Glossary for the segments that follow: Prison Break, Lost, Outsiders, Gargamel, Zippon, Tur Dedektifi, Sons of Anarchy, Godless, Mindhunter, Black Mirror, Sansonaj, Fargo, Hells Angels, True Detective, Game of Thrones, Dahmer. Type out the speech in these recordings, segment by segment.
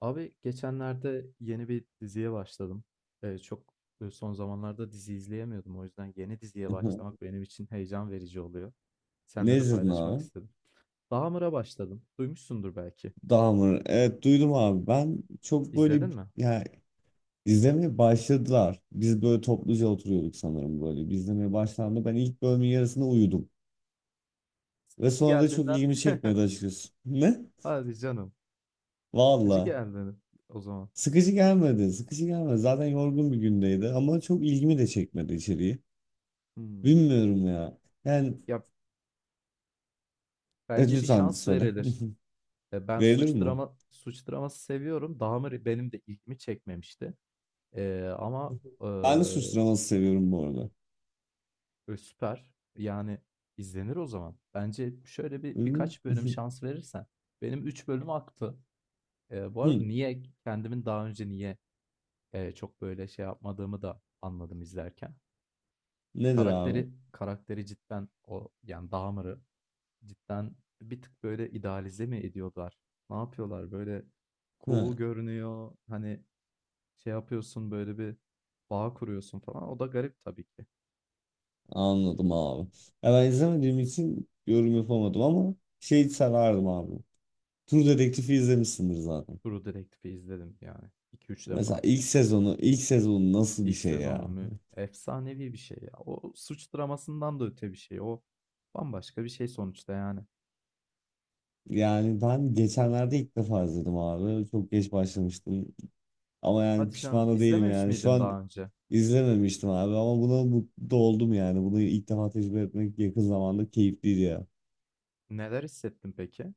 Abi geçenlerde yeni bir diziye başladım. Ee, çok Son zamanlarda dizi izleyemiyordum. O yüzden yeni diziye Hı. başlamak benim için heyecan verici oluyor. Ne Seninle de izledin paylaşmak abi? istedim. Dahmer'a başladım. Duymuşsundur belki. Dahmer. Evet, duydum abi. Ben çok böyle İzledin mi? yani izlemeye başladılar. Biz böyle topluca oturuyorduk sanırım böyle. Biz izlemeye başlandı. Ben ilk bölümün yarısında uyudum. Ve Sıkıcı sonra da çok geldiğinden ilgimi mi? çekmedi açıkçası. Ne? Hadi canım. Sıkıcı Valla. geldi o zaman. Sıkıcı gelmedi. Sıkıcı gelmedi. Zaten yorgun bir gündeydi ama çok ilgimi de çekmedi içeriği. Hmm. Bilmiyorum ya. Yani Ya bence bir lütfen şans söyle. verilir. Ben Verilir mi? Suç draması seviyorum. Dahmer benim de ilgimi çekmemişti. Ama Ben de suçlamayı seviyorum bu arada. Süper. Yani, izlenir o zaman. Bence şöyle bir Hı. birkaç bölüm Hı. şans verirsen. Benim 3 bölüm aktı. Bu arada Hı. niye kendimin daha önce çok böyle şey yapmadığımı da anladım izlerken. Nedir abi? Karakteri cidden yani, Dahmer'ı cidden bir tık böyle idealize mi ediyorlar? Ne yapıyorlar? Böyle cool Hı. görünüyor. Hani, şey yapıyorsun, böyle bir bağ kuruyorsun falan. O da garip tabii ki. Anladım abi. Ya ben izlemediğim için yorum yapamadım ama şey severdim abi. Tur Dedektifi izlemişsindir zaten. True Detective'i izledim yani iki üç Mesela defa. ilk sezonu, ilk sezonu nasıl bir İlk şey sezonu ya? mu? Efsanevi bir şey ya. O suç dramasından da öte bir şey. O bambaşka bir şey sonuçta yani. Yani ben geçenlerde ilk defa izledim abi. Çok geç başlamıştım. Ama yani Hadi canım pişman da değilim izlememiş yani. Şu miydin an daha önce? izlememiştim abi ama buna mutlu oldum yani. Bunu ilk defa tecrübe etmek yakın zamanda keyifliydi ya. Neler hissettin peki?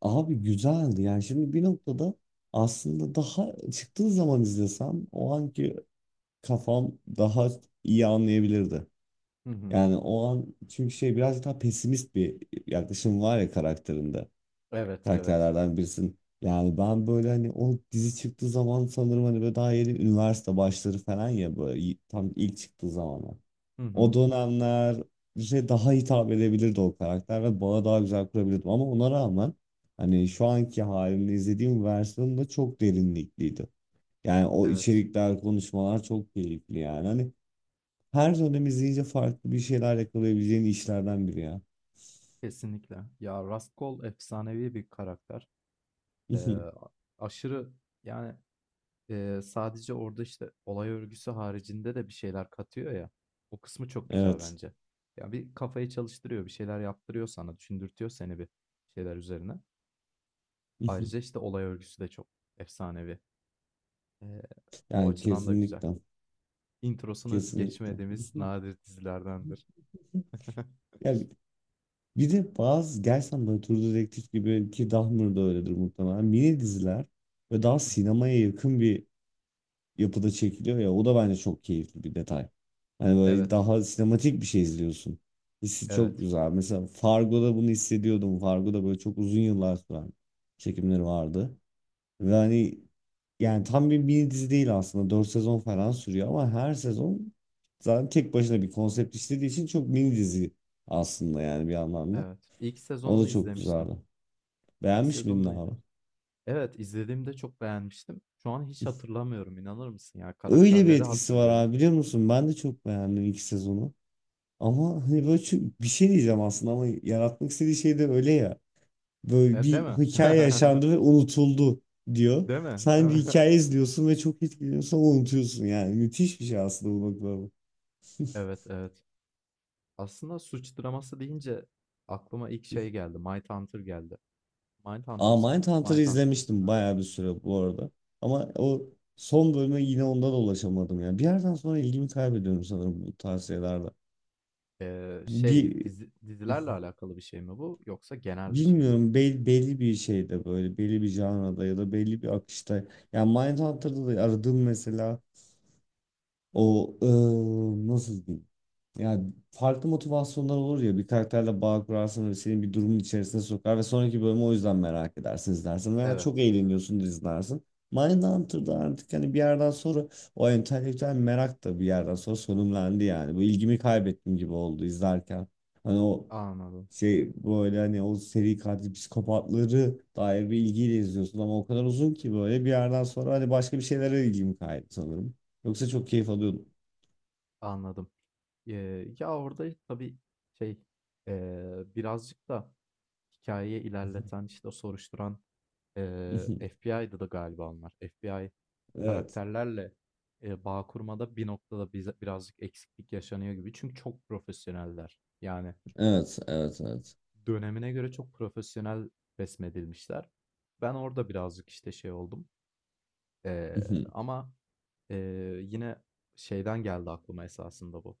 Abi güzeldi yani şimdi bir noktada aslında daha çıktığı zaman izlesem o anki kafam daha iyi anlayabilirdi. Hı hı. Yani o an çünkü şey biraz daha pesimist bir yaklaşım var ya karakterinde. Evet, evet. Karakterlerden birisin. Yani ben böyle hani o dizi çıktığı zaman sanırım hani böyle daha yeni üniversite başları falan ya böyle tam ilk çıktığı zamanlar. Hı O hı, dönemler işte daha hitap edebilirdi o karakter ve bana daha güzel kurabilirdim ama ona rağmen hani şu anki halimle izlediğim versiyonu da çok derinlikliydi. Yani o evet. içerikler, konuşmalar çok keyifli yani. Hani her dönem izleyince farklı bir şeyler yakalayabileceğin işlerden biri ya. Kesinlikle. Ya Raskol efsanevi bir karakter. Ee, Aşırı yani sadece orada işte olay örgüsü haricinde de bir şeyler katıyor ya. O kısmı çok güzel Evet. bence. Ya bir kafayı çalıştırıyor, bir şeyler yaptırıyor sana, düşündürtüyor seni bir şeyler üzerine. Ayrıca, işte, olay örgüsü de çok efsanevi. Eee, O Yani açıdan da güzel. kesinlikle. Introsunu Kesinlikle. geçmediğimiz nadir dizilerdendir. Yani bir de bazı gerçekten böyle True Detective gibi ki Dahmer da öyledir muhtemelen. Mini diziler ve daha sinemaya yakın bir yapıda çekiliyor ya o da bence çok keyifli bir detay. Hani böyle Evet, daha sinematik bir şey izliyorsun. Hissi çok evet, güzel. Mesela Fargo'da bunu hissediyordum. Fargo'da böyle çok uzun yıllar süren çekimleri vardı. Ve hani yani tam bir mini dizi değil aslında. 4 sezon falan sürüyor ama her sezon zaten tek başına bir konsept işlediği için çok mini dizi aslında yani bir anlamda. evet. İlk O da sezonunu çok izlemiştim. güzeldi. İlk Beğenmiş miydin sezonunu abi? izledim. Evet, izlediğimde çok beğenmiştim. Şu an hiç hatırlamıyorum, inanır mısın ya? Öyle bir Karakterleri etkisi var hatırlıyorum. abi, biliyor musun? Ben de çok beğendim ilk sezonu. Ama hani böyle çok- bir şey diyeceğim aslında ama yaratmak istediği şey de öyle ya. Böyle Değil bir mi? hikaye yaşandı ve unutuldu diyor. Değil mi? Değil Sen bir mi? hikaye izliyorsun ve çok etkileniyorsun ama unutuyorsun yani. Müthiş bir şey aslında bu bakıma. Evet, evet. Aslında suç draması deyince aklıma ilk şey geldi, Mindhunter geldi. Aa, Mindhunters mıydı? Mindhunter'ı Mindhunter. izlemiştim Aynen. bayağı bir süre bu arada. Ama o son bölüme yine onda da ulaşamadım ya. Bir yerden sonra ilgimi kaybediyorum sanırım bu tarz tavsiyelerde. Şey, Bir dizilerle alakalı bir şey mi bu yoksa genel bir şey mi? bilmiyorum belli bir şeyde böyle belli bir janrada ya da belli bir akışta. Yani Mindhunter'da da aradığım mesela o nasıl diyeyim? Yani farklı motivasyonlar olur ya bir karakterle bağ kurarsın ve seni bir durumun içerisine sokar ve sonraki bölümü o yüzden merak edersin izlersin veya çok Evet, eğleniyorsun da izlersin. Mindhunter'da artık hani bir yerden sonra o entelektüel merak da bir yerden sonra sonumlandı yani. Bu ilgimi kaybettim gibi oldu izlerken. Hani o anladım, şey böyle hani o seri katil psikopatları dair bir ilgiyle izliyorsun ama o kadar uzun ki böyle bir yerden sonra hani başka bir şeylere ilgimi kaydı sanırım. Yoksa çok keyif alıyordum. anladım. Ya, orada tabii şey, birazcık da hikayeyi ilerleten, işte, o soruşturan, FBI'dı da galiba onlar. FBI Evet. karakterlerle, bağ kurmada bir noktada bize birazcık eksiklik yaşanıyor gibi. Çünkü çok profesyoneller. Yani Evet, evet, evet. dönemine göre çok profesyonel resmedilmişler. Ben orada birazcık, işte, şey oldum, Eee, ama, eee, yine şeyden geldi aklıma esasında bu.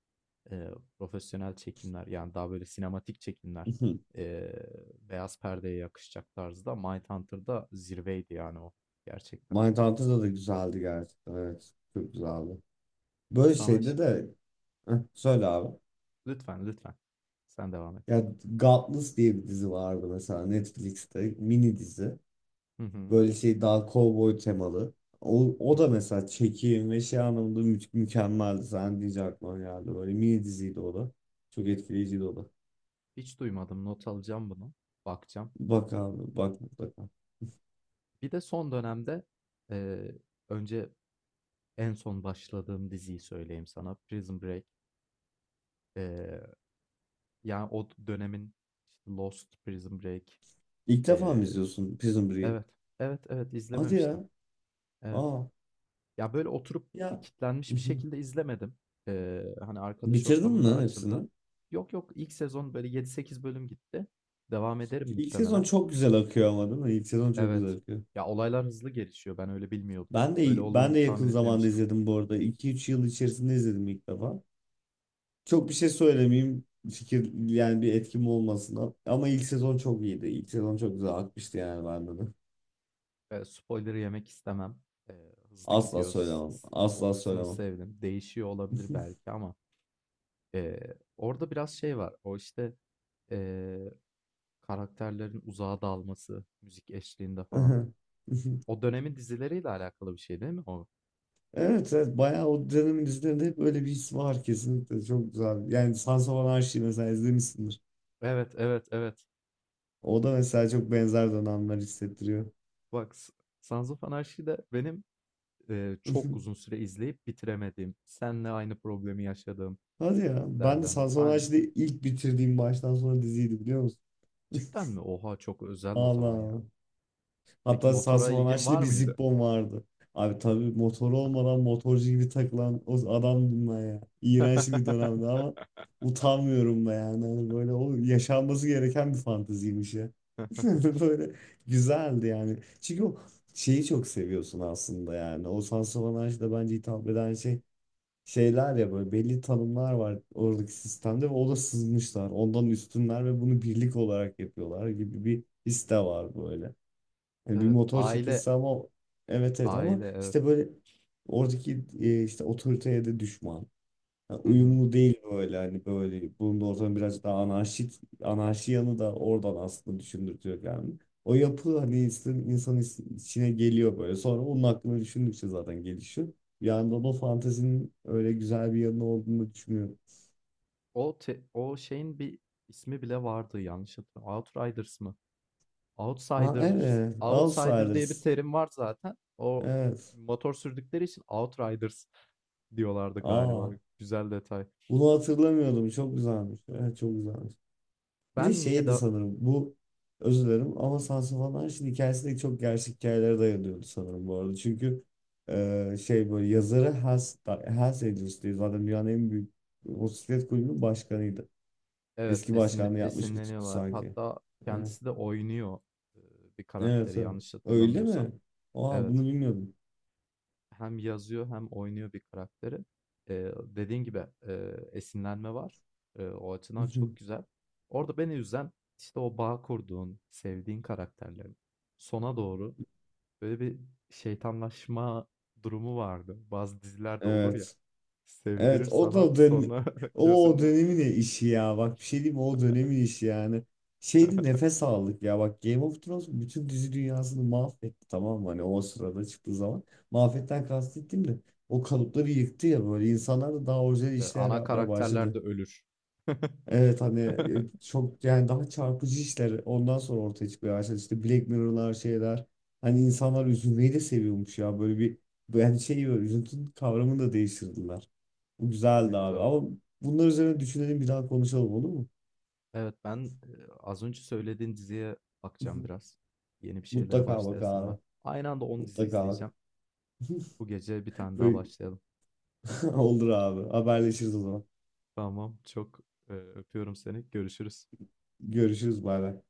Eee, Profesyonel çekimler, yani, daha böyle sinematik çekimler, eee, beyaz perdeye yakışacak tarzda Mindhunter'da zirveydi, yani, o gerçekten. Mindhunter'da da güzeldi gerçekten. Evet. Çok güzeldi. Böyle Sana ş şeyde de heh, söyle abi. Lütfen, lütfen. Sen devam et. Ya Godless diye bir dizi vardı mesela Netflix'te mini dizi. Hı hı. Böyle şey daha kovboy temalı. O, Hı o hı. da mesela çekim ve şey anlamında mükemmeldi. Sen diyecek aklıma geldi. Böyle mini diziydi o da. Çok etkileyiciydi o da. Hiç duymadım. Not alacağım bunu. Bakacağım. Bak abi, bak mutlaka. Bir de son dönemde, eee, önce en son başladığım diziyi söyleyeyim sana. Prison Break. eee Ya o dönemin işte Lost, Prison Break, İlk defa mı eee, izliyorsun Prison Break'i? evet, evet, evet Hadi ya. izlememiştim. Evet. Aa. Ya böyle oturup Ya. kitlenmiş bir şekilde izlemedim. Hani arkadaş Bitirdin ortamında mi açıldı. hepsini? Yok yok ilk sezon böyle 7-8 bölüm gitti. Devam ederim İlk sezon muhtemelen. çok güzel akıyor ama, değil mi? İlk sezon çok güzel Evet. akıyor. Ya olaylar hızlı gelişiyor. Ben öyle bilmiyordum. Ben Öyle de ben de olduğunu tahmin yakın zamanda etmemiştim. izledim bu arada. 2-3 yıl içerisinde izledim ilk defa. Çok bir şey söylemeyeyim. Fikir yani bir etkim olmasın. Ama ilk sezon çok iyiydi. İlk sezon çok güzel akmıştı yani bende de. Spoiler yemek istemem. Hızlı Asla gidiyor. Söylemem. O Asla kısmını söylemem. sevdim. Değişiyor olabilir belki ama orada biraz şey var. O işte Eee, Karakterlerin uzağa dalması, müzik eşliğinde falan. O dönemin dizileriyle alakalı bir şey değil mi o? Evet, evet, bayağı o dönemin dizilerinde hep öyle bir his var, kesinlikle çok güzel. Yani Sons of Anarchy mesela izlemişsindir. Evet, evet, evet. O da mesela çok benzer dönemler hissettiriyor. Bak, Sons of Anarchy de benim çok uzun süre izleyip bitiremediğim, seninle aynı problemi yaşadığım Hadi ya. Ben de dizilerden biri. Aynen. Sansonaj'da ilk bitirdiğim baştan sona diziydi, biliyor musun? Cidden mi? Oha çok özel o zaman ya. Allah. Peki Hatta motora ilgin Sansonaj'da var bir mıydı? Zippon vardı. Abi tabii motor olmadan motorcu gibi takılan o adamdım ben ya. İğrenç bir dönemdi ama utanmıyorum da yani. Hani böyle o yaşanması gereken bir fanteziymiş ya. Böyle güzeldi yani. Çünkü o şeyi çok seviyorsun aslında yani. O Sansonaj'da bence hitap eden şey şeyler ya böyle belli tanımlar var oradaki sistemde ve o da sızmışlar. Ondan üstünler ve bunu birlik olarak yapıyorlar gibi bir his de var böyle. Yani bir Evet, motor aile, çetesi ama evet, evet, ama aile evet. işte böyle oradaki işte otoriteye de düşman. Ha, Hı hı. uyumlu değil böyle hani böyle bulunduğu ortam biraz daha anarşik anarşi yanı da oradan aslında düşündürtüyor yani. O yapı hani insan içine geliyor böyle. Sonra onun hakkında düşündükçe zaten gelişiyor. Bir yandan o fantezinin öyle güzel bir yanı olduğunu düşünüyorum. O şeyin bir ismi bile vardı yanlış hatırlamıyorum. Outriders mı? Ha, Outsiders, evet. outsider diye bir Outsiders. terim var zaten. O Evet. motor sürdükleri için outriders diyorlardı galiba. Aa. Güzel detay. Bunu hatırlamıyordum. Çok güzelmiş. Evet, çok güzelmiş. Bir de Ben niye şeydi de sanırım bu özür dilerim ama Sansa van Anşin hikayesi de çok gerçek hikayelere dayanıyordu sanırım bu arada. Çünkü şey böyle yazarı Hells Angels diye zaten dünyanın en büyük motosiklet kulübünün başkanıydı. Evet, Eski başkanlığı yapmış bir tipti esinleniyorlar. sanki. Hatta Evet. kendisi de oynuyor e, bir Evet, karakteri evet. yanlış Öyle hatırlamıyorsam. mi? Aa, bunu Evet. bilmiyordum. Hem yazıyor hem oynuyor bir karakteri. Dediğin gibi esinlenme var. O açıdan çok güzel. Orada beni üzen işte o bağ kurduğun, sevdiğin karakterlerin sona doğru böyle bir şeytanlaşma durumu vardı. Bazı dizilerde olur ya, Evet. sevdirir Evet o sana da sonra o gözünün önünde. dönemin işi ya, bak bir şey diyeyim mi? O dönemin işi yani. Şeydi nefes aldık ya bak, Game of Thrones bütün dizi dünyasını mahvetti, tamam mı, hani o sırada çıktığı zaman. Mahvetten kastettim de o kalıpları yıktı ya böyle, insanlar da daha orijinal işler Ana yapmaya karakterler de başladı. ölür. Evet hani çok yani daha çarpıcı işler ondan sonra ortaya çıkmaya başladı işte Black Mirror'lar şeyler. Hani insanlar üzülmeyi de seviyormuş ya böyle bir yani şey böyle üzüntünün kavramını da değiştirdiler. Bu güzeldi Tabii abi. tabii. Ama bunlar üzerine düşünelim bir daha konuşalım, olur mu? Evet, ben az önce söylediğin diziye Hı bakacağım hı. biraz. Yeni bir şeylere Mutlaka bak başlayasım var. abi. Aynı anda 10 dizi Mutlaka bak. izleyeceğim. Bu gece bir tane daha Böyle- başlayalım. Olur abi. Haberleşiriz o zaman. Tamam, çok öpüyorum seni. Görüşürüz. Görüşürüz. Bay bay.